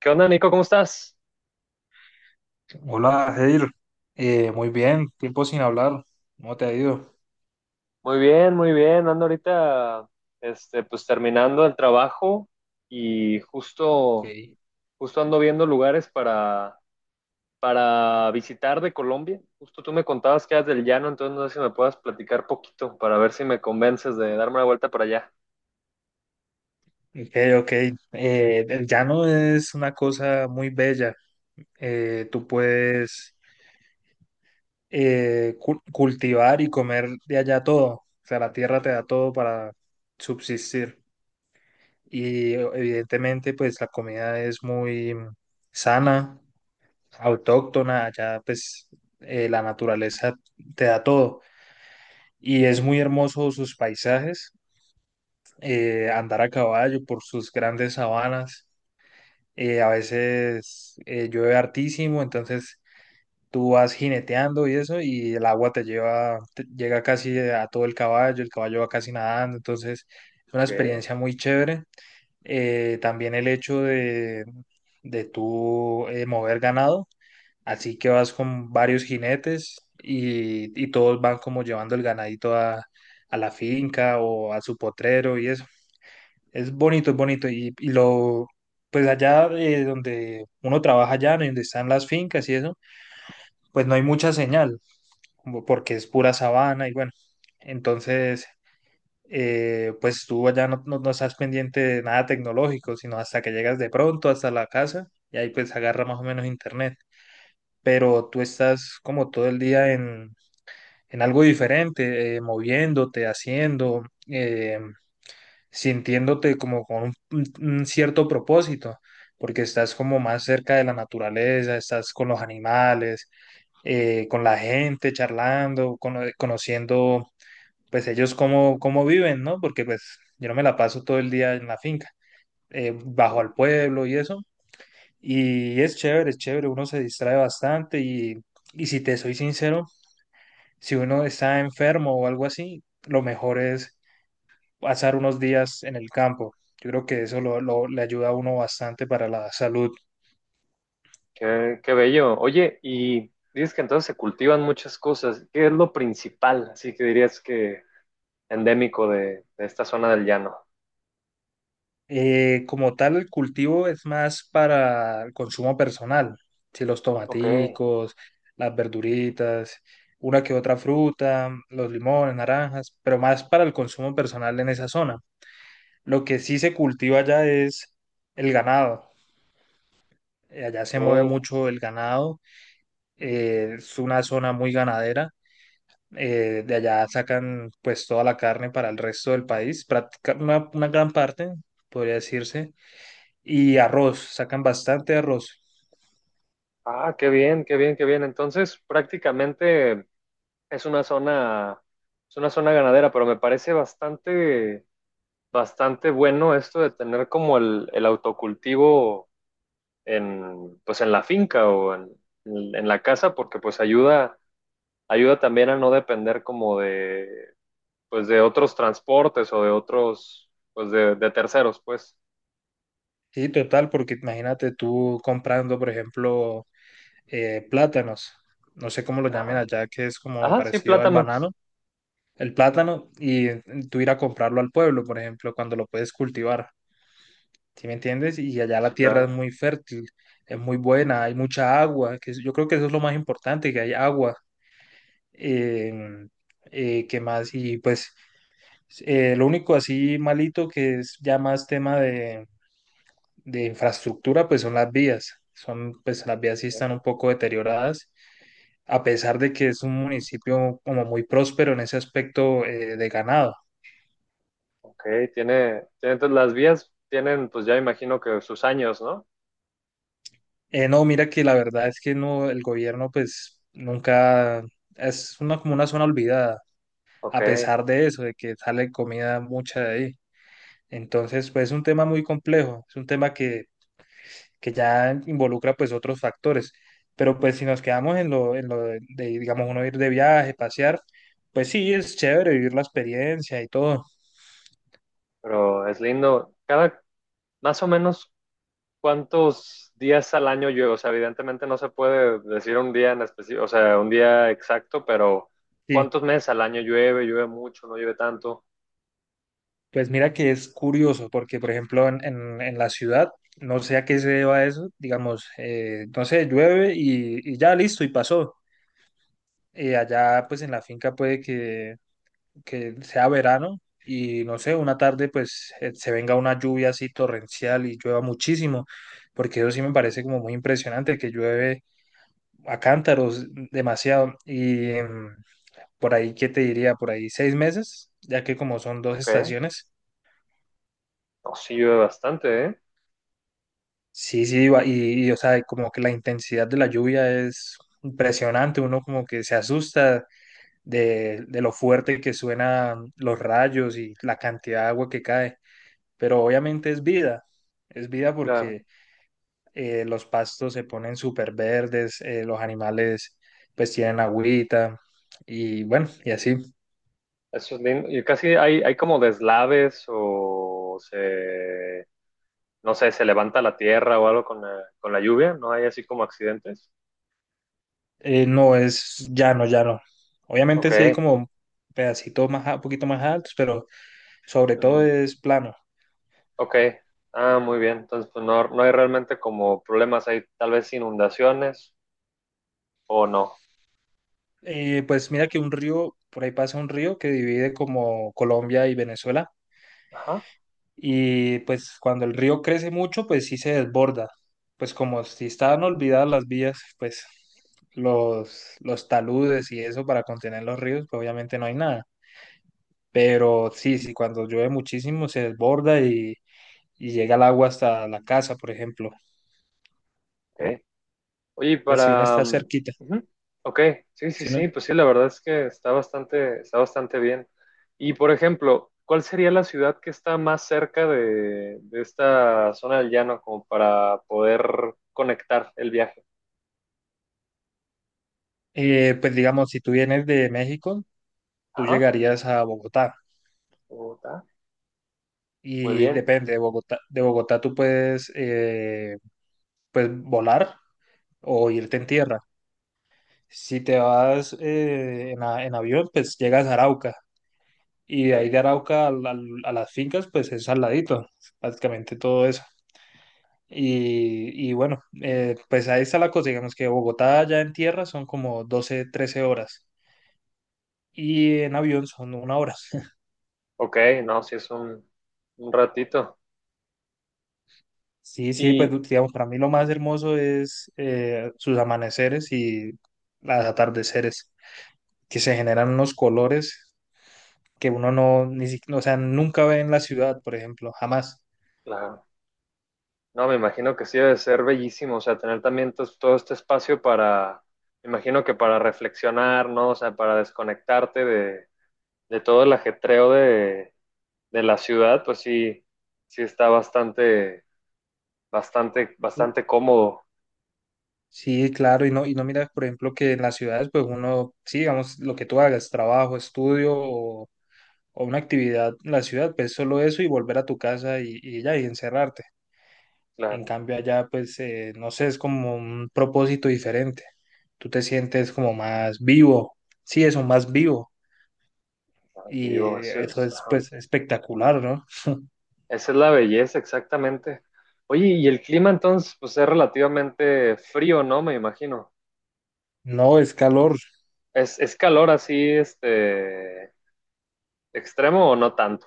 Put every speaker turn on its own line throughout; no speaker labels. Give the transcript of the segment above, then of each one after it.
¿Qué onda, Nico? ¿Cómo estás?
Hola, Jair. Muy bien, tiempo sin hablar. ¿Cómo te ha ido?
Muy bien, muy bien. Ando ahorita, este, pues terminando el trabajo y justo,
Ok,
justo ando viendo lugares para visitar de Colombia. Justo tú me contabas que eras del llano, entonces no sé si me puedas platicar poquito para ver si me convences de darme una vuelta para allá.
ok, ok. El llano es una cosa muy bella. Tú puedes cultivar y comer de allá todo. O sea, la tierra te da todo para subsistir. Y evidentemente, pues la comida es muy sana, autóctona. Allá, pues, la naturaleza te da todo. Y es muy hermoso sus paisajes, andar a caballo por sus grandes sabanas. A veces llueve hartísimo, entonces tú vas jineteando y eso, y el agua te lleva, llega casi a todo el caballo va casi nadando, entonces es una
Qué,
experiencia muy chévere. También el hecho de tú mover ganado, así que vas con varios jinetes y todos van como llevando el ganadito a la finca o a su potrero y eso. Es bonito, es bonito. Y lo, pues allá donde uno trabaja allá, ¿no? Y donde están las fincas y eso, pues no hay mucha señal, como porque es pura sabana y bueno. Entonces, pues tú allá no estás pendiente de nada tecnológico, sino hasta que llegas de pronto hasta la casa y ahí pues agarra más o menos internet. Pero tú estás como todo el día en algo diferente, moviéndote, haciendo. eh, sintiéndote como con un cierto propósito, porque estás como más cerca de la naturaleza, estás con los animales, con la gente, charlando, conociendo pues ellos cómo viven, ¿no? Porque pues yo no me la paso todo el día en la finca, bajo al pueblo y eso, y es chévere, uno se distrae bastante y si te soy sincero, si uno está enfermo o algo así, lo mejor es pasar unos días en el campo. Yo creo que eso le ayuda a uno bastante para la salud.
qué bello. Oye, y dices que entonces se cultivan muchas cosas. ¿Qué es lo principal? Así que dirías que endémico de esta zona del llano.
Como tal, el cultivo es más para el consumo personal, si los
Ok,
tomaticos, las verduritas, una que otra fruta, los limones, naranjas, pero más para el consumo personal en esa zona. Lo que sí se cultiva allá es el ganado. Allá se mueve
ok.
mucho el ganado, es una zona muy ganadera. De allá sacan pues toda la carne para el resto del país, una gran parte, podría decirse, y arroz, sacan bastante arroz.
Ah, qué bien, qué bien, qué bien. Entonces, prácticamente es una zona, es una zona ganadera, pero me parece bastante bueno esto de tener como el autocultivo pues en la finca o en la casa, porque pues ayuda también a no depender como de, pues de otros transportes o de otros, pues de terceros, pues.
Sí, total, porque imagínate tú comprando, por ejemplo, plátanos, no sé cómo lo llamen
Ajá.
allá, que es como
Ajá, sí,
parecido al
plátanos.
banano, el plátano, y tú ir a comprarlo al pueblo, por ejemplo, cuando lo puedes cultivar. ¿Sí me entiendes? Y allá la
Sí,
tierra es
claro.
muy fértil, es muy buena, hay mucha agua, que es- yo creo que eso es lo más importante, que hay agua. Eh, ¿Qué más? Y pues lo único así malito que es ya más tema de infraestructura, pues son las vías. Son, pues las vías sí están un poco deterioradas, a pesar de que es un municipio como muy próspero en ese aspecto, de ganado.
Ok, tiene entonces las vías tienen, pues ya imagino que sus años, ¿no?
No, mira que la verdad es que no, el gobierno pues nunca, es una, como una zona olvidada,
Ok,
a pesar de eso, de que sale comida mucha de ahí. Entonces, pues es un tema muy complejo, es un tema que ya involucra pues otros factores. Pero pues si nos quedamos en lo de, digamos, uno ir de viaje, pasear, pues sí, es chévere vivir la experiencia y todo.
pero es lindo. Cada, más o menos, ¿cuántos días al año llueve? O sea, evidentemente no se puede decir un día en específico, o sea, un día exacto, pero
Sí,
¿cuántos meses al año llueve? ¿Llueve mucho? ¿No llueve tanto?
pues mira que es curioso, porque por ejemplo en, en la ciudad, no sé a qué se deba eso, digamos, no sé, llueve y ya listo y pasó. Allá pues en la finca puede que sea verano y no sé, una tarde pues se venga una lluvia así torrencial y llueva muchísimo, porque eso sí me parece como muy impresionante, que llueve a cántaros demasiado. Y por ahí, ¿qué te diría? Por ahí 6 meses, ya que como son dos
Ok,
estaciones.
no, sí llueve bastante, ¿eh?
Sí, sí, o sea, como que la intensidad de la lluvia es impresionante, uno como que se asusta de, lo fuerte que suenan los rayos y la cantidad de agua que cae. Pero obviamente es vida
Claro,
porque los pastos se ponen súper verdes, los animales pues tienen agüita y bueno, y así.
eso es lindo. Y casi hay como deslaves o se, no sé, se levanta la tierra o algo con la lluvia, ¿no hay así como accidentes?
No es llano, llano.
Ok,
Obviamente sí hay como pedacitos más, un poquito más altos, pero sobre todo
ujú,
es plano.
ok. Ah, muy bien. Entonces, pues no, no hay realmente como problemas, hay tal vez inundaciones o no.
Pues mira que un río, por ahí pasa un río que divide como Colombia y Venezuela.
Ajá,
Y pues cuando el río crece mucho, pues sí se desborda. Pues como si estaban olvidadas las vías, pues los taludes y eso para contener los ríos, pues obviamente no hay nada. Pero sí, sí, cuando llueve muchísimo se desborda y llega el agua hasta la casa, por ejemplo.
ok. Oye, y
Pues si uno
para,
está
mm,
cerquita,
ujú, ok, sí, sí,
si uno,
sí, pues sí, la verdad es que está bastante, bien. Y por ejemplo, ¿cuál sería la ciudad que está más cerca de esta zona del llano como para poder conectar el viaje?
pues digamos, si tú vienes de México, tú
Ajá,
llegarías a Bogotá.
Bogotá. Muy
Y
bien.
depende, de Bogotá tú puedes, pues volar o irte en tierra. Si te vas en avión, pues llegas a Arauca. Y de ahí de
Ok,
Arauca las fincas, pues es al ladito, prácticamente todo eso. Y bueno, pues ahí está la cosa. Digamos que Bogotá ya en tierra son como 12 13 horas. Y en avión son una hora.
ok, no, sí es un ratito.
Sí, sí, pues
Y
digamos, para mí lo más hermoso es sus amaneceres y los atardeceres, que se generan unos colores que uno no, ni, si- o sea, nunca ve en la ciudad, por ejemplo, jamás.
claro, no, me imagino que sí debe ser bellísimo, o sea, tener también todo este espacio para, me imagino que para reflexionar, ¿no? O sea, para desconectarte de todo el ajetreo de la ciudad, pues sí, sí está bastante, bastante, bastante cómodo,
Sí, claro, y no miras, por ejemplo, que en las ciudades, pues uno, sí, digamos, lo que tú hagas, trabajo, estudio, o una actividad en la ciudad, pues solo eso y volver a tu casa y ya, y encerrarte. En
claro,
cambio, allá, pues, no sé, es como un propósito diferente. Tú te sientes como más vivo, sí, eso, más vivo.
más
Y
vivo, eso
eso
es,
es,
ajá.
pues, espectacular, ¿no?
Esa es la belleza, exactamente. Oye, y el clima entonces, pues es relativamente frío, ¿no? Me imagino.
No, es calor.
Es calor así, este. ¿Extremo o no tanto?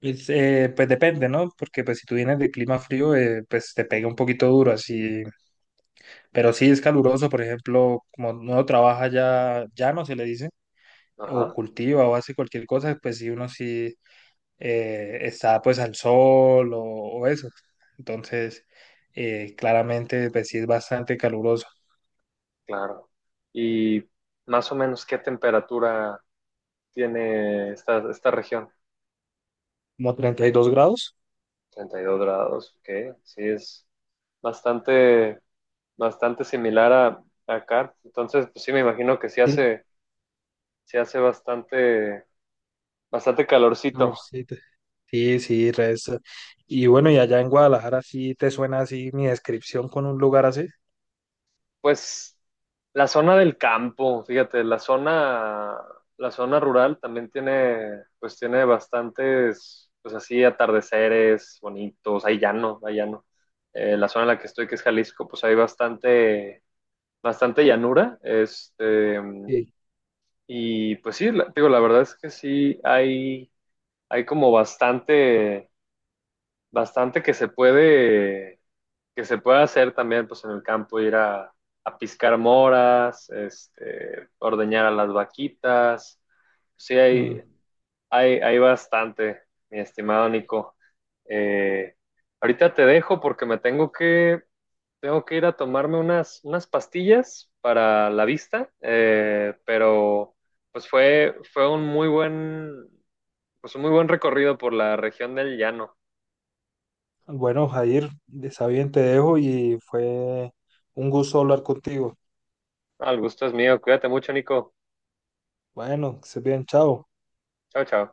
Pues depende, ¿no? Porque pues si tú vienes de clima frío, pues te pega un
Ujú.
poquito duro, así. Pero sí es caluroso, por ejemplo, como uno trabaja ya llano, se le dice, o
Ajá,
cultiva o hace cualquier cosa, pues sí uno sí está pues al sol o eso. Entonces, claramente, pues sí es bastante caluroso.
claro. ¿Y más o menos qué temperatura tiene esta región?
Como 32 grados.
32 grados, ok. Sí, es bastante, bastante similar a acá. Entonces, pues sí, me imagino que sí
Sí,
hace, sí hace bastante, bastante calorcito.
calorcito. Sí, sí, resta. Y bueno, y allá en Guadalajara sí te suena así mi descripción con un lugar así.
Pues la zona del campo, fíjate, la zona rural también tiene, pues tiene bastantes, pues así, atardeceres bonitos, hay llano, hay llano. La zona en la que estoy, que es Jalisco, pues hay bastante, bastante llanura, este,
Sí.
y pues sí, digo, la verdad es que sí, hay como bastante, bastante que se puede hacer también pues en el campo, ir a piscar moras, este, ordeñar a las vaquitas. Sí,
Mm.
hay bastante, mi estimado Nico. Eh, ahorita te dejo porque tengo que ir a tomarme unas pastillas para la vista, pero pues fue un muy buen recorrido por la región del llano.
Bueno, Jair, está bien, te dejo y fue un gusto hablar contigo.
Al gusto es mío. Cuídate mucho, Nico.
Bueno, que se bien, chao.
Chao, chao.